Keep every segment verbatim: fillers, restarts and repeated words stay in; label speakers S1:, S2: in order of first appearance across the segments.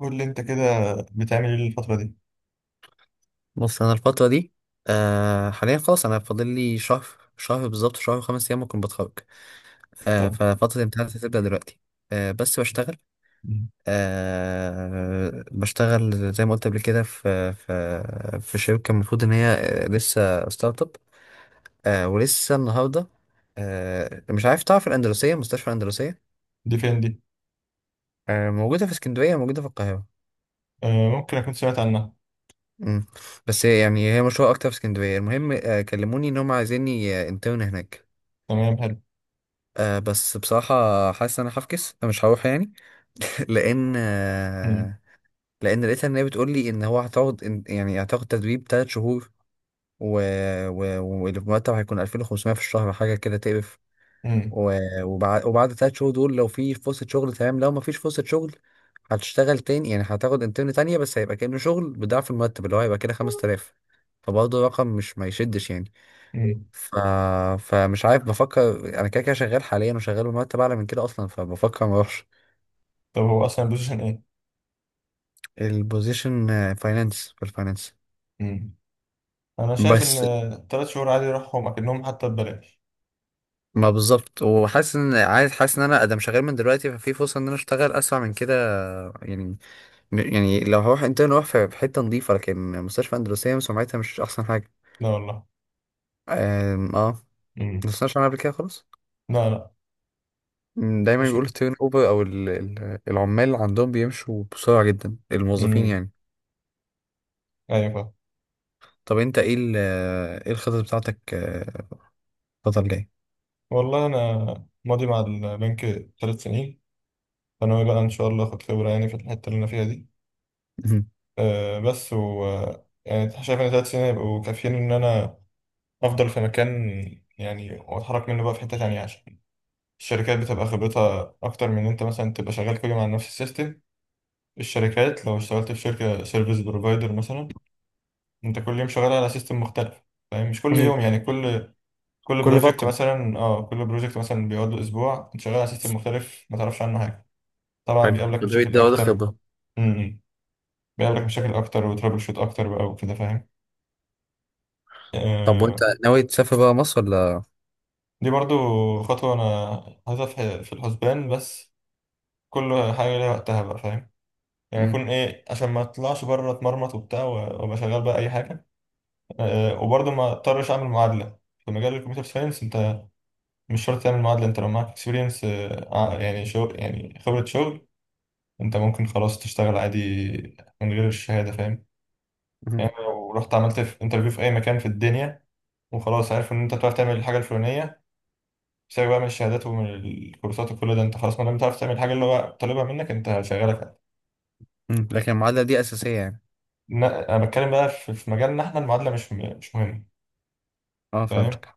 S1: قول لي انت كده، بتعمل ايه الفترة دي؟
S2: بص، انا الفتره دي آه حاليا خلاص. انا فاضل لي شهر، شهر بالظبط، شهر وخمس ايام ممكن بتخرج. آه
S1: طب.
S2: ففتره الامتحان هتبدا دلوقتي. آه بس بشتغل.
S1: مم.
S2: آه بشتغل زي ما قلت قبل كده في في في شركه، المفروض ان هي، آه، لسه ستارت اب. آه ولسه النهارده، آه مش عارف تعرف الاندلسيه، مستشفى الاندلسيه؟
S1: دي فين دي؟
S2: آه موجوده في اسكندريه، موجوده في القاهره.
S1: آه، ممكن اكون سمعت عنها.
S2: مم. بس يعني هي مشهوره اكتر في اسكندريه. المهم آه كلموني ان هم عايزيني، آه، انترن هناك.
S1: تمام، حلو.
S2: آه بس بصراحة حاسس ان انا هفكس، مش هروح يعني. لان
S1: مم.
S2: آه لان لقيتها ان هي بتقول لي ان هو هتقعد، إن- يعني هتاخد تدريب تلات شهور. و... و... والمرتب هيكون الفين وخمسمية في الشهر، حاجة كده تقرف.
S1: مم.
S2: و... وبعد وبعد تلات شهور دول، لو في فرصة شغل تمام، لو ما فيش فرصة شغل هتشتغل تاني يعني. هتاخد انترن تانية بس هيبقى كأنه شغل بضعف المرتب، اللي هو هيبقى كده خمست الاف. فبرضه رقم مش ما يشدش يعني.
S1: مم.
S2: ف... فمش عارف، بفكر انا كده كده شغال حاليا وشغال بمرتب اعلى من كده اصلا، فبفكر ما اروحش.
S1: طب هو اصلا البوزيشن ايه؟
S2: البوزيشن فاينانس، في الفاينانس.
S1: مم. انا شايف ان
S2: بس
S1: ثلاث شهور عادي يروحهم اكنهم حتى ببلاش.
S2: ما بالظبط، وحاسس ان عايز، حاسس ان انا ادم شغال من دلوقتي. ففي فرصه ان انا اشتغل اسرع من كده يعني. يعني لو هروح انترن اروح في في حته نظيفه، لكن مستشفى اندلسيه سمعتها مش احسن حاجه.
S1: لا والله.
S2: أم، اه،
S1: مم.
S2: ما سمعتش عنها قبل كده خالص.
S1: لا لا.
S2: أم، دايما
S1: مش.
S2: بيقولوا التيرن اوفر، او ال- ال- العمال عندهم بيمشوا بسرعه جدا، الموظفين
S1: مم.
S2: يعني.
S1: ايوه فاهم.
S2: طب انت ايه ال- ايه الخطط بتاعتك، آه، الفترة الجاية؟
S1: والله انا ماضي مع البنك ثلاث سنين، فانا بقى ان شاء الله اخد خبرة يعني في الحتة اللي انا فيها دي.
S2: مهم.
S1: آه بس و آه، يعني شايف ان ثلاث سنين يبقوا كافيين ان انا افضل في مكان، يعني واتحرك منه بقى في حتة تانية، عشان الشركات بتبقى خبرتها اكتر من إن انت مثلا تبقى شغال كل يوم على نفس السيستم. الشركات لو اشتغلت في شركة سيرفيس بروفايدر مثلا، انت كل يوم شغال على سيستم مختلف، فاهم؟ مش كل
S2: مم.
S1: يوم يعني، كل، كل
S2: كل
S1: بروجكت
S2: فترة.
S1: مثلا، اه كل بروجكت مثلا بيقعد له اسبوع، انت شغال على سيستم مختلف ما تعرفش عنه حاجة. طبعا
S2: حلو،
S1: بيقابلك
S2: ناوي
S1: مشاكل
S2: تزود
S1: اكتر.
S2: خبرة.
S1: امم. بيقابلك مشاكل اكتر وترابل شوت اكتر بقى وكده، فاهم؟
S2: طب وانت
S1: آه.
S2: ناوي تسافر بقى مصر ولا؟
S1: دي برضو خطوة انا حاططها في في الحسبان، بس كل حاجة ليها وقتها بقى، فاهم؟ يعني
S2: مم.
S1: يكون ايه، عشان ما اطلعش بره اتمرمط وبتاع و- وابقى شغال بقى اي حاجة. أه وبرضه ما اضطرش اعمل معادلة في مجال الكمبيوتر ساينس. انت مش شرط تعمل معادلة، انت لو معاك اكسبيرينس، يعني شغل، يعني خبرة شغل، انت ممكن خلاص تشتغل عادي من غير الشهادة، فاهم؟
S2: مم.
S1: يعني لو رحت عملت في انترفيو في اي مكان في الدنيا، وخلاص عارف ان انت بتعرف تعمل الحاجة الفلانية، سيبك بقى من الشهادات ومن الكورسات وكل ده، انت خلاص ما دام بتعرف تعمل الحاجة اللي هو طالبها منك، انت شغالك.
S2: مم. لكن المعادلة دي أساسية يعني؟
S1: لا، انا بتكلم بقى في في مجالنا احنا، المعادله مش م- مش مهمه،
S2: اه،
S1: فاهم؟
S2: فهمتك.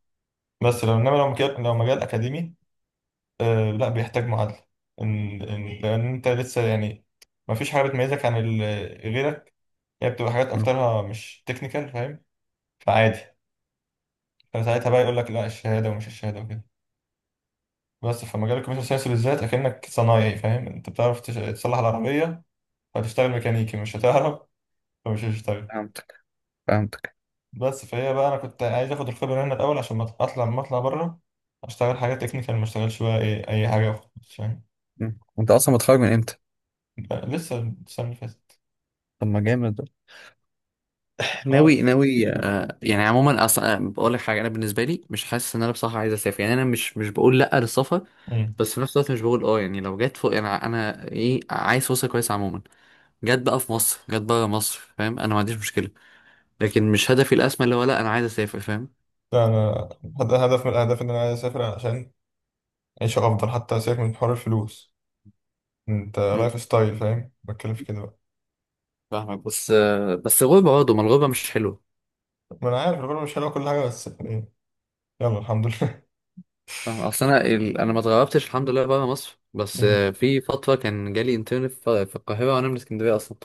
S1: بس لو انما لو مجال، لو مجال اكاديمي، آه لا بيحتاج معادله. إن إن لان انت لسه يعني ما فيش حاجه بتميزك عن ال- غيرك. هي بتبقى حاجات
S2: مم.
S1: اكترها مش تكنيكال، فاهم؟ فعادي. فساعتها بقى يقول لك لا الشهاده ومش الشهاده وكده، بس في مجال الكمبيوتر ساينس بالذات اكنك صنايعي، فاهم؟ انت بتعرف تش- تصلح العربيه، فتشتغل ميكانيكي مش هتعرف، فمش هتشتغل.
S2: فهمتك. فهمتك.
S1: بس فهي بقى، انا كنت عايز اخد الخبره هنا الاول عشان ما اطلع ما اطلع بره اشتغل حاجه تكنيكال، ما اشتغلش بقى ايه اي حاجه وخلاص، فاهم؟
S2: مم. انت اصلا متخرج من امتى؟
S1: بقى لسه، السنه اللي فاتت.
S2: طب ما جامد ده.
S1: اه
S2: ناوي
S1: ف-
S2: ناوي آه يعني عموما اصلا، آه، بقول لك حاجه: انا بالنسبه لي مش حاسس ان انا، بصراحه، عايز اسافر يعني. انا مش مش بقول لا للسفر،
S1: مم.
S2: بس في نفس الوقت مش بقول اه يعني. لو جت فوق يعني، انا ايه، عايز فرصه كويسه عموما. جت بقى في مصر، جت بره مصر، فاهم؟ انا ما عنديش مشكله، لكن مش هدفي الاسمى اللي هو لا انا عايز اسافر، فاهم؟
S1: ده انا هد- هدف من الاهداف ان انا عايز اسافر عشان عيشه افضل، حتى سيبك من حوار الفلوس، انت
S2: مم،
S1: لايف ستايل فاهم، بتكلم في كده بقى.
S2: فاهمك، بس آه، بس غربه برضه، ما الغربه مش حلوه.
S1: ما انا عارف الغربه مش حلوه كل حاجه، بس إيه، يلا الحمد لله.
S2: فاهم، اصل انا ال... انا ما اتغربتش الحمد لله بره مصر. بس
S1: مم.
S2: آه، في فتره كان جالي انترن في في القاهره وانا من اسكندريه اصلا.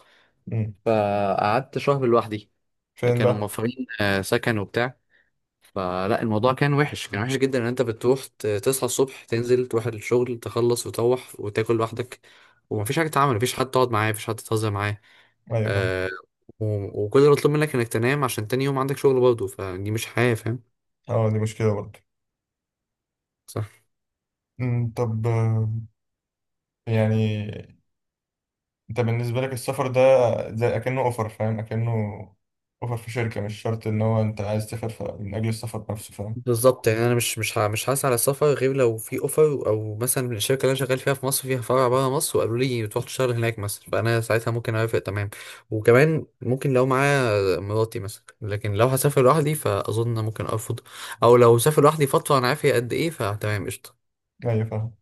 S1: مم.
S2: فقعدت شهر لوحدي.
S1: فين
S2: كانوا
S1: بقى؟
S2: موفرين، آه، سكن وبتاع. فلا، الموضوع كان وحش، كان وحش جدا ان انت بتروح ت- تصحى الصبح، تنزل تروح الشغل، تخلص وتروح وتاكل لوحدك. ومفيش حاجه تتعمل، مفيش حد تقعد معاه، مفيش حد تهزر معاه.
S1: ايوه فاهم.
S2: آه. و- وكل اللي مطلوب منك انك تنام عشان تاني يوم عندك شغل برضه. فدي مش حياة، فاهم؟
S1: اه دي مشكله برضه.
S2: صح.
S1: مم. طب آه، يعني انت بالنسبة لك السفر ده زي اكنه اوفر، فاهم؟ اكنه اوفر في شركة، مش شرط ان هو انت عايز تسافر ف- من اجل السفر نفسه، فاهم؟
S2: بالظبط يعني، انا مش مش ه- مش هسعى على السفر غير لو في اوفر، او مثلا الشركه اللي انا شغال فيها في مصر فيها فرع بره مصر وقالوا لي تروح تشتغل هناك مثلا، فانا ساعتها ممكن اوافق تمام. وكمان ممكن لو معايا مراتي مثلا، لكن لو هسافر لوحدي فاظن ممكن ارفض. او لو سافر لوحدي فتره انا عارف هي قد ايه فتمام قشطه.
S1: ايوه فاهم.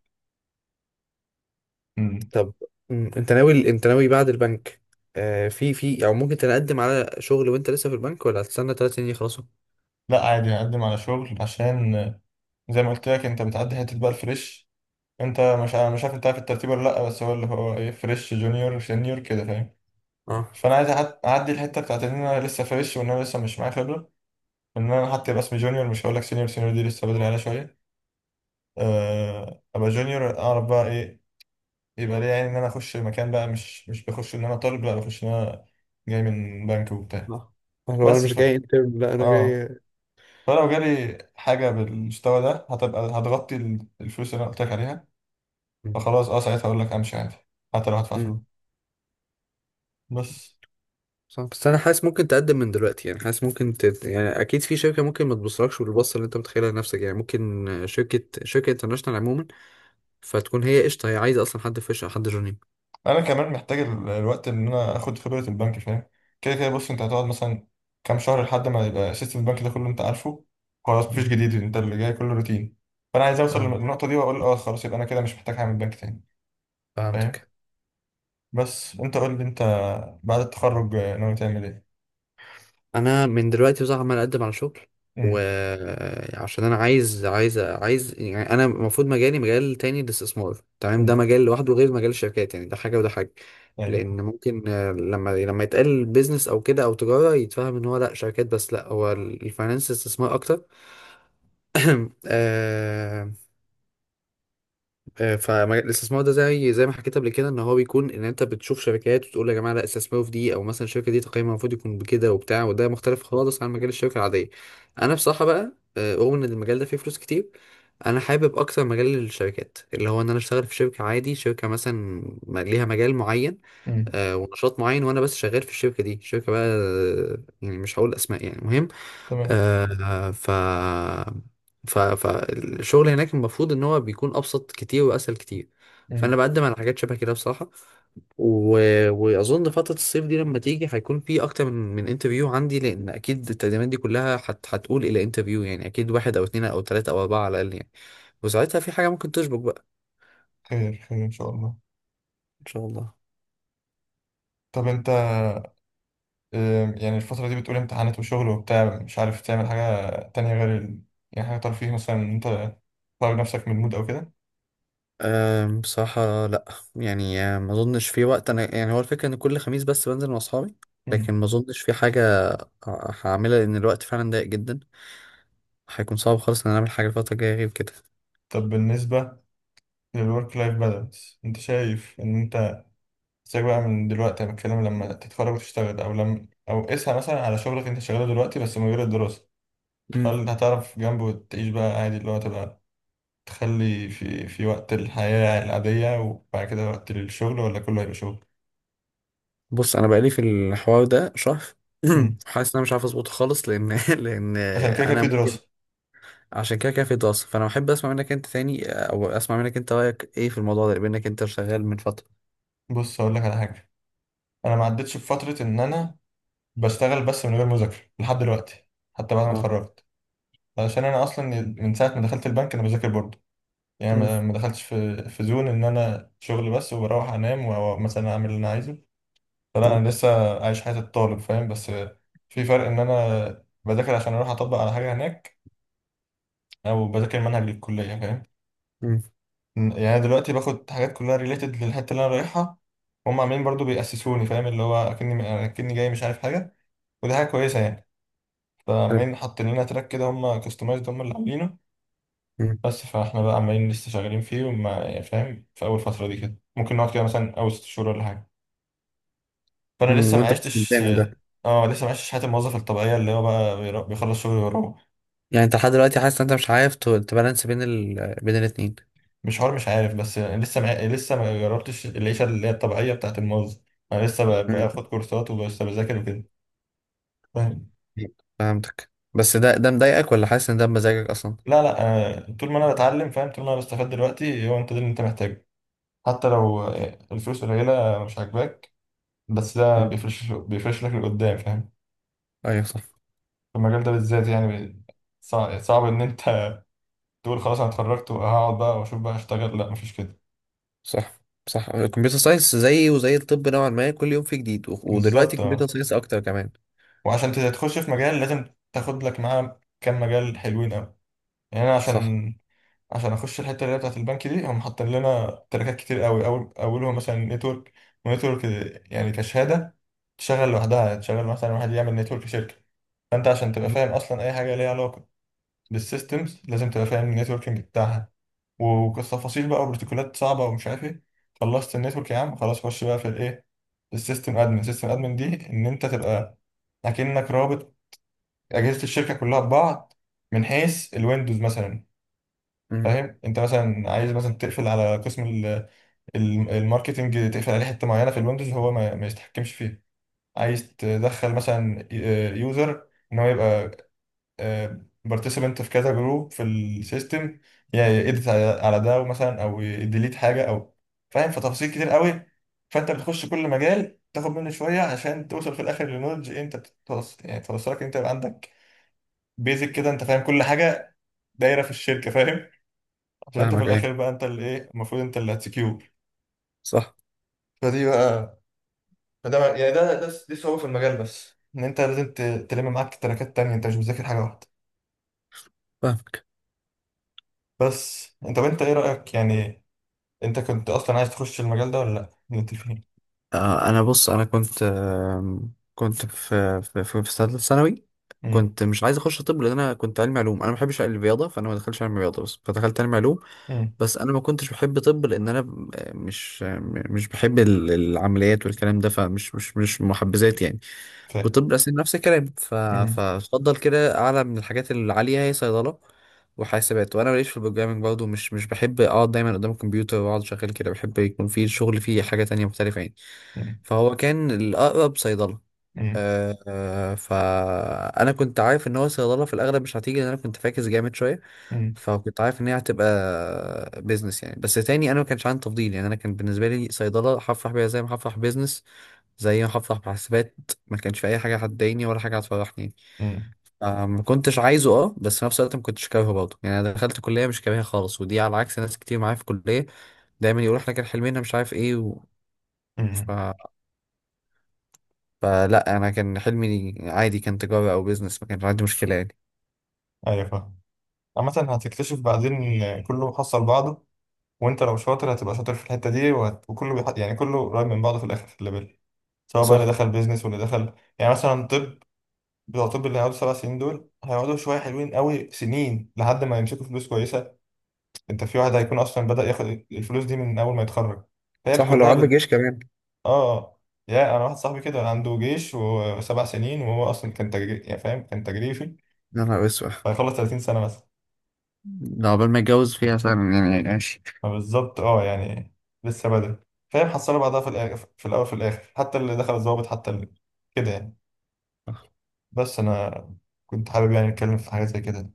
S1: مم.
S2: طب مم، انت ناوي، انت ناوي بعد البنك آه في في او ممكن تقدم على شغل وانت لسه في البنك، ولا هتستنى ثلاث سنين يخلصوا؟
S1: لا عادي هقدم على شغل، عشان زي ما قلت لك، انت بتعدي حتة بقى الفريش. انت مش ع- مش عارف، انت عارف الترتيب ولا لا؟ بس هو اللي هو ايه، فريش جونيور سينيور كده، فاهم؟
S2: اه
S1: فانا عايز أعد- اعدي الحتة بتاعت ان انا لسه فريش، وان انا لسه مش معايا خبرة، ان انا حتى يبقى اسمي جونيور. مش هقول لك سينيور، سينيور دي لسه بدري عليها شوية. آه، ابقى جونيور اعرف بقى ايه يبقى ليه، يعني ان انا اخش مكان بقى مش مش بخش ان انا طالب، لا بخش ان انا جاي من بنك وبتاع.
S2: لا، هو انا
S1: بس
S2: مش
S1: ف،
S2: جاي انترن، لا انا جاي.
S1: اه، فلو جالي حاجه بالمستوى ده هتبقى هتغطي ال- الفلوس اللي انا قلت لك عليها.
S2: مم.
S1: فخلاص اه، ساعتها اقول لك امشي عادي حتى لو هدفع
S2: مم.
S1: فلوس. بس
S2: صح، بس انا حاسس ممكن تقدم من دلوقتي يعني. حاسس ممكن ت... يعني اكيد في شركه ممكن ما تبصلكش بالبصه اللي انت متخيلها لنفسك يعني. ممكن شركه، شركه انترناشونال عموما، فتكون هي قشطه، هي عايزه اصلا حد فريش او حد جونيور.
S1: انا كمان محتاج ال- الوقت ان انا اخد خبره البنك، فاهم؟ كده كده بص، انت هتقعد مثلا كام شهر لحد ما يبقى سيستم البنك ده كله انت عارفه، خلاص مفيش
S2: مم.
S1: جديد، انت اللي جاي كله روتين. فانا عايز اوصل
S2: فاهم.
S1: للنقطه دي واقول اه خلاص، يبقى انا كده مش محتاج اعمل بنك تاني، فاهم؟
S2: فهمتك.
S1: بس انت قول لي انت، بعد التخرج آه، ناوي تعمل ايه؟
S2: انا من دلوقتي بصراحه عمال اقدم على شغل.
S1: امم.
S2: وعشان انا عايز، عايز عايز يعني، انا المفروض مجالي مجال تاني: الاستثمار. تمام؟ ده
S1: امم.
S2: مجال لوحده غير مجال الشركات يعني. ده حاجه وده حاجه.
S1: ايوه.
S2: لان ممكن، آه، لما لما يتقال بيزنس او كده او تجاره يتفهم ان هو لا شركات بس، لا هو الفاينانس استثمار اكتر. آه، فالاستثمار ده زي زي ما حكيت قبل كده ان هو بيكون ان انت بتشوف شركات وتقول يا جماعه لا، استثمروا في دي، او مثلا الشركه دي تقييمها المفروض يكون بكده وبتاع. وده مختلف خالص عن مجال الشركه العاديه. انا بصراحه بقى، آه، رغم ان المجال ده فيه فلوس كتير، انا حابب اكتر مجال الشركات، اللي هو ان انا اشتغل في شركه عادي، شركه مثلا م- ليها مجال معين،
S1: امم.
S2: آه، ونشاط معين، وانا بس شغال في الشركه دي. شركه بقى، آه، يعني مش هقول اسماء يعني.
S1: تمام.
S2: آه، ف ف فالشغل هناك المفروض ان هو بيكون ابسط كتير واسهل كتير.
S1: امم.
S2: فانا بقدم على حاجات شبه كده بصراحه. و... واظن فتره الصيف دي لما تيجي هيكون في اكتر من من انترفيو عندي. لان اكيد التقديمات دي كلها هت... هتقول الى انترفيو يعني. اكيد واحد او اتنين او تلاته او اربعه على الاقل يعني. وساعتها في حاجه ممكن تشبك بقى.
S1: خير خير ان شاء الله.
S2: ان شاء الله.
S1: طب انت، آم، يعني الفترة دي بتقول امتحانات وشغل وبتاع، مش عارف تعمل حاجة تانية غير ال...، يعني حاجة ترفيه مثلا، ان انت تخرج نفسك من المود او كده؟
S2: أم بصراحة لأ. يعني أم، ما أظنش في وقت. أنا يعني هو الفكرة إن كل خميس بس بنزل مع أصحابي، لكن
S1: امم.
S2: ما أظنش في حاجة هعملها لان الوقت فعلا ضيق جدا. هيكون صعب خالص ان انا اعمل حاجه الفتره الجايه غير كده.
S1: طب بالنسبة للورك لايف بالانس، انت شايف ان انت ازاي بقى، من دلوقتي انا بتكلم لما تتخرج وتشتغل، او لما، او قيسها مثلا على شغلك انت شغاله دلوقتي بس من غير الدراسة،
S2: امم.
S1: هل هتعرف جنبه تعيش بقى عادي، اللي هو تبقى تخلي في في وقت الحياة العادية، وبعد كده وقت الشغل، ولا كله هيبقى شغل؟
S2: بص، انا بقالي في الحوار ده شهر.
S1: مم.
S2: حاسس ان انا مش عارف اظبطه خالص، لان لان
S1: عشان كده كده
S2: انا
S1: في
S2: ممكن،
S1: دراسة.
S2: عشان كده كده في دراسه. فانا بحب اسمع منك انت تاني، او اسمع منك انت رايك ايه في الموضوع ده بانك انت شغال من فتره.
S1: بص أقول لك على حاجة، أنا ما عدتش بفترة إن أنا بشتغل بس من غير مذاكرة لحد دلوقتي، حتى بعد ما
S2: اه.
S1: اتخرجت. علشان أنا أصلا من ساعة ما دخلت البنك أنا بذاكر برضه. يعني
S2: امم.
S1: ما ما دخلتش في في زون إن أنا شغل بس وبروح أنام، ومثلا أعمل اللي أنا عايزه. فلا
S2: اه.
S1: أنا لسه عايش حياة الطالب، فاهم؟ بس في فرق، إن أنا بذاكر عشان أروح أطبق على حاجة هناك، أو بذاكر منهج للكلية، فاهم؟
S2: امم.
S1: م- يعني أنا دلوقتي باخد حاجات كلها ريليتد للحته اللي انا رايحها. هم عاملين برضو بيأسسوني، فاهم؟ اللي هو اكني اكني جاي مش عارف حاجه، ودي حاجه كويسه يعني.
S2: حلو.
S1: فعمالين حاطين لنا تراك كده، هم كاستمايزد هم اللي عاملينه.
S2: امم.
S1: بس فاحنا بقى عمالين لسه شغالين فيه، وما يعني فاهم، في اول فتره دي كده ممكن نقعد كده مثلا اول ست شهور ولا حاجه. فانا
S2: امم،
S1: لسه ما
S2: وانت بس
S1: عشتش،
S2: بتعمل ده؟
S1: اه لسه ما عشتش حياه الموظف الطبيعيه، اللي هو بقى بيرا- بيخلص شغل ويروح.
S2: يعني انت لحد دلوقتي حاسس ان انت مش عارف ت- تبالانس بين ال... بين الاتنين؟
S1: مش حوار مش عارف، بس يعني لسه ما لسه ما جربتش العيشه اللي هي الطبيعيه بتاعت الموظف. انا لسه ب-
S2: امم.
S1: باخد كورسات ولسه بذاكر وكده، فاهم؟
S2: فهمتك، بس ده ده مضايقك ولا حاسس ان ده بمزاجك اصلا؟
S1: لا لا. آه، طول ما انا بتعلم فاهم، طول ما انا بستفاد دلوقتي، هو انت ده اللي انت محتاجه، حتى لو آه، الفلوس قليله مش عاجباك، بس ده
S2: آه.
S1: بيفرش بيفرش لك لقدام، فاهم؟
S2: ايوه صح.
S1: في المجال ده بالذات يعني، صعب, صعب ان انت تقول خلاص انا اتخرجت وهقعد بقى واشوف بقى اشتغل، لا مفيش كده.
S2: صح. صح، الكمبيوتر ساينس زي، وزي الطب نوعا ما، كل يوم فيه جديد. و- ودلوقتي
S1: بالظبط
S2: الكمبيوتر
S1: اه.
S2: ساينس اكتر كمان.
S1: وعشان تخش في مجال لازم تاخد لك معاه كام مجال حلوين قوي. يعني انا
S2: صح.
S1: عشان، عشان اخش الحته اللي هي بتاعت البنك دي، هم حاطين لنا تراكات كتير قوي، اول اولهم مثلا نتورك. ونتورك يعني كشهاده تشغل لوحدها، تشغل مثلا واحد يعمل نتورك شركه. فانت عشان تبقى
S2: مهم.
S1: فاهم اصلا اي حاجه ليها علاقه بالسيستمز، لازم تبقى فاهم النتوركينج بتاعها، وتفاصيل بقى وبروتوكولات صعبه ومش عارف ايه. خلصت النتورك يا عم، خلاص خش بقى في الايه، السيستم ادمن. سيستم ادمن دي ان انت تبقى اكنك رابط اجهزه الشركه كلها ببعض، من حيث الويندوز مثلا،
S2: مهم.
S1: فاهم؟ انت مثلا عايز مثلا تقفل على قسم ال- ال- الماركتنج، تقفل عليه حته معينه في الويندوز هو ما ما يتحكمش فيها. عايز تدخل مثلا يوزر ان هو يبقى بارتيسيبنت في كذا جروب في السيستم، يعني يدت على على ده، ومثلا او يديليت حاجه او، فاهم؟ فتفاصيل كتير قوي. فانت بتخش كل مجال تاخد منه شويه، عشان توصل في الاخر للنولج انت بتوصل، يعني توصلك انت يبقى عندك بيزك كده، انت فاهم كل حاجه دايره في الشركه، فاهم؟ عشان انت في
S2: فاهمك ايه.
S1: الاخر بقى، انت اللي ايه، المفروض انت اللي هتسكيور.
S2: صح.
S1: فدي بقى، فده بقى- يعني ده ده دي صعوبة في المجال، بس ان انت لازم ت- تلم معاك تراكات تانية، انت مش بتذاكر حاجة واحدة.
S2: فاهمك.
S1: بس انت، طب انت ايه رأيك يعني، انت كنت اصلا عايز تخش المجال ده ولا لا اللي انت فيه؟
S2: آه، انا بص، انا كنت، آم، كنت في في في في ثالثه ثانوي.
S1: امم.
S2: كنت مش عايز اخش طب لان انا كنت علمي علوم. انا ما بحبش الرياضه، فانا ما دخلتش علمي رياضه بس، فدخلت علمي علوم.
S1: امم.
S2: بس انا ما كنتش بحب طب لان انا ب- مش، آه، مش بحب ال- العمليات والكلام ده، فمش مش مش محبذات يعني.
S1: فاهم.
S2: وطب الاسنان نفس الكلام. ف-
S1: امم.
S2: فاتفضل كده اعلى من الحاجات العاليه هي صيدله وحاسبات. وانا ماليش في البروجرامنج برضه، مش مش بحب اقعد دايما قدام الكمبيوتر واقعد شغال كده. بحب يكون في الشغل فيه حاجه تانية مختلفه يعني.
S1: امم.
S2: فهو كان الاقرب صيدله.
S1: امم.
S2: أه أه، فانا كنت عارف ان هو صيدله في الاغلب مش هتيجي لان انا كنت فاكس جامد شويه.
S1: امم.
S2: فكنت عارف ان هي هتبقى بيزنس يعني. بس تاني انا ما كانش عندي تفضيل يعني. انا كان بالنسبه لي صيدله هفرح بيها زي ما هفرح بيزنس، زي ما هفرح بحاسبات. ما كانش في اي حاجه هتضايقني ولا حاجه هتفرحني.
S1: امم.
S2: آه، ما كنتش عايزه اه، بس في نفس الوقت ما كنتش كارهه برضه يعني. انا دخلت كليه مش كارهها خالص، ودي على عكس ناس كتير معايا في الكليه دايما يقول احنا كان حلمنا مش عارف ايه و... ف...
S1: امم.
S2: فلا، انا كان حلمي عادي، كان تجاره او بيزنس، ما كانش عندي مشكله يعني.
S1: ايوه فاهم. عامة هتكتشف بعدين ان كله حصل بعضه. وانت لو شاطر هتبقى شاطر في الحتة دي، وهت...، وكله بيح...، يعني كله قريب من بعضه في الاخر في الليفل، سواء بقى اللي
S2: صح.
S1: دخل بيزنس واللي دخل. يعني مثلا طب، بتوع طب اللي هيقعدوا سبع سنين دول هيقعدوا شويه حلوين قوي سنين لحد ما يمسكوا فلوس كويسه. انت في واحد هيكون اصلا بدأ ياخد الفلوس دي من اول ما يتخرج. فهي بت-
S2: صح، ولو
S1: كلها
S2: عنده جيش
S1: بت،
S2: كمان.
S1: اه. يا انا واحد صاحبي كده عنده جيش وسبع سنين، وهو اصلا كان تجري يعني، فاهم؟ كان تجريفي.
S2: يا نهار اسود.
S1: فهيخلص ثلاثين سنه مثلا.
S2: ده عقبال ما اتجوز فيها سنه يعني ماشي.
S1: فبالظبط اه يعني، لسه بدري، فاهم؟ حصلوا بعضها في الاخر، في الاول في الاخر، حتى اللي دخل الضابط، حتى اللي كده يعني. بس انا كنت حابب يعني اتكلم في حاجه زي كده.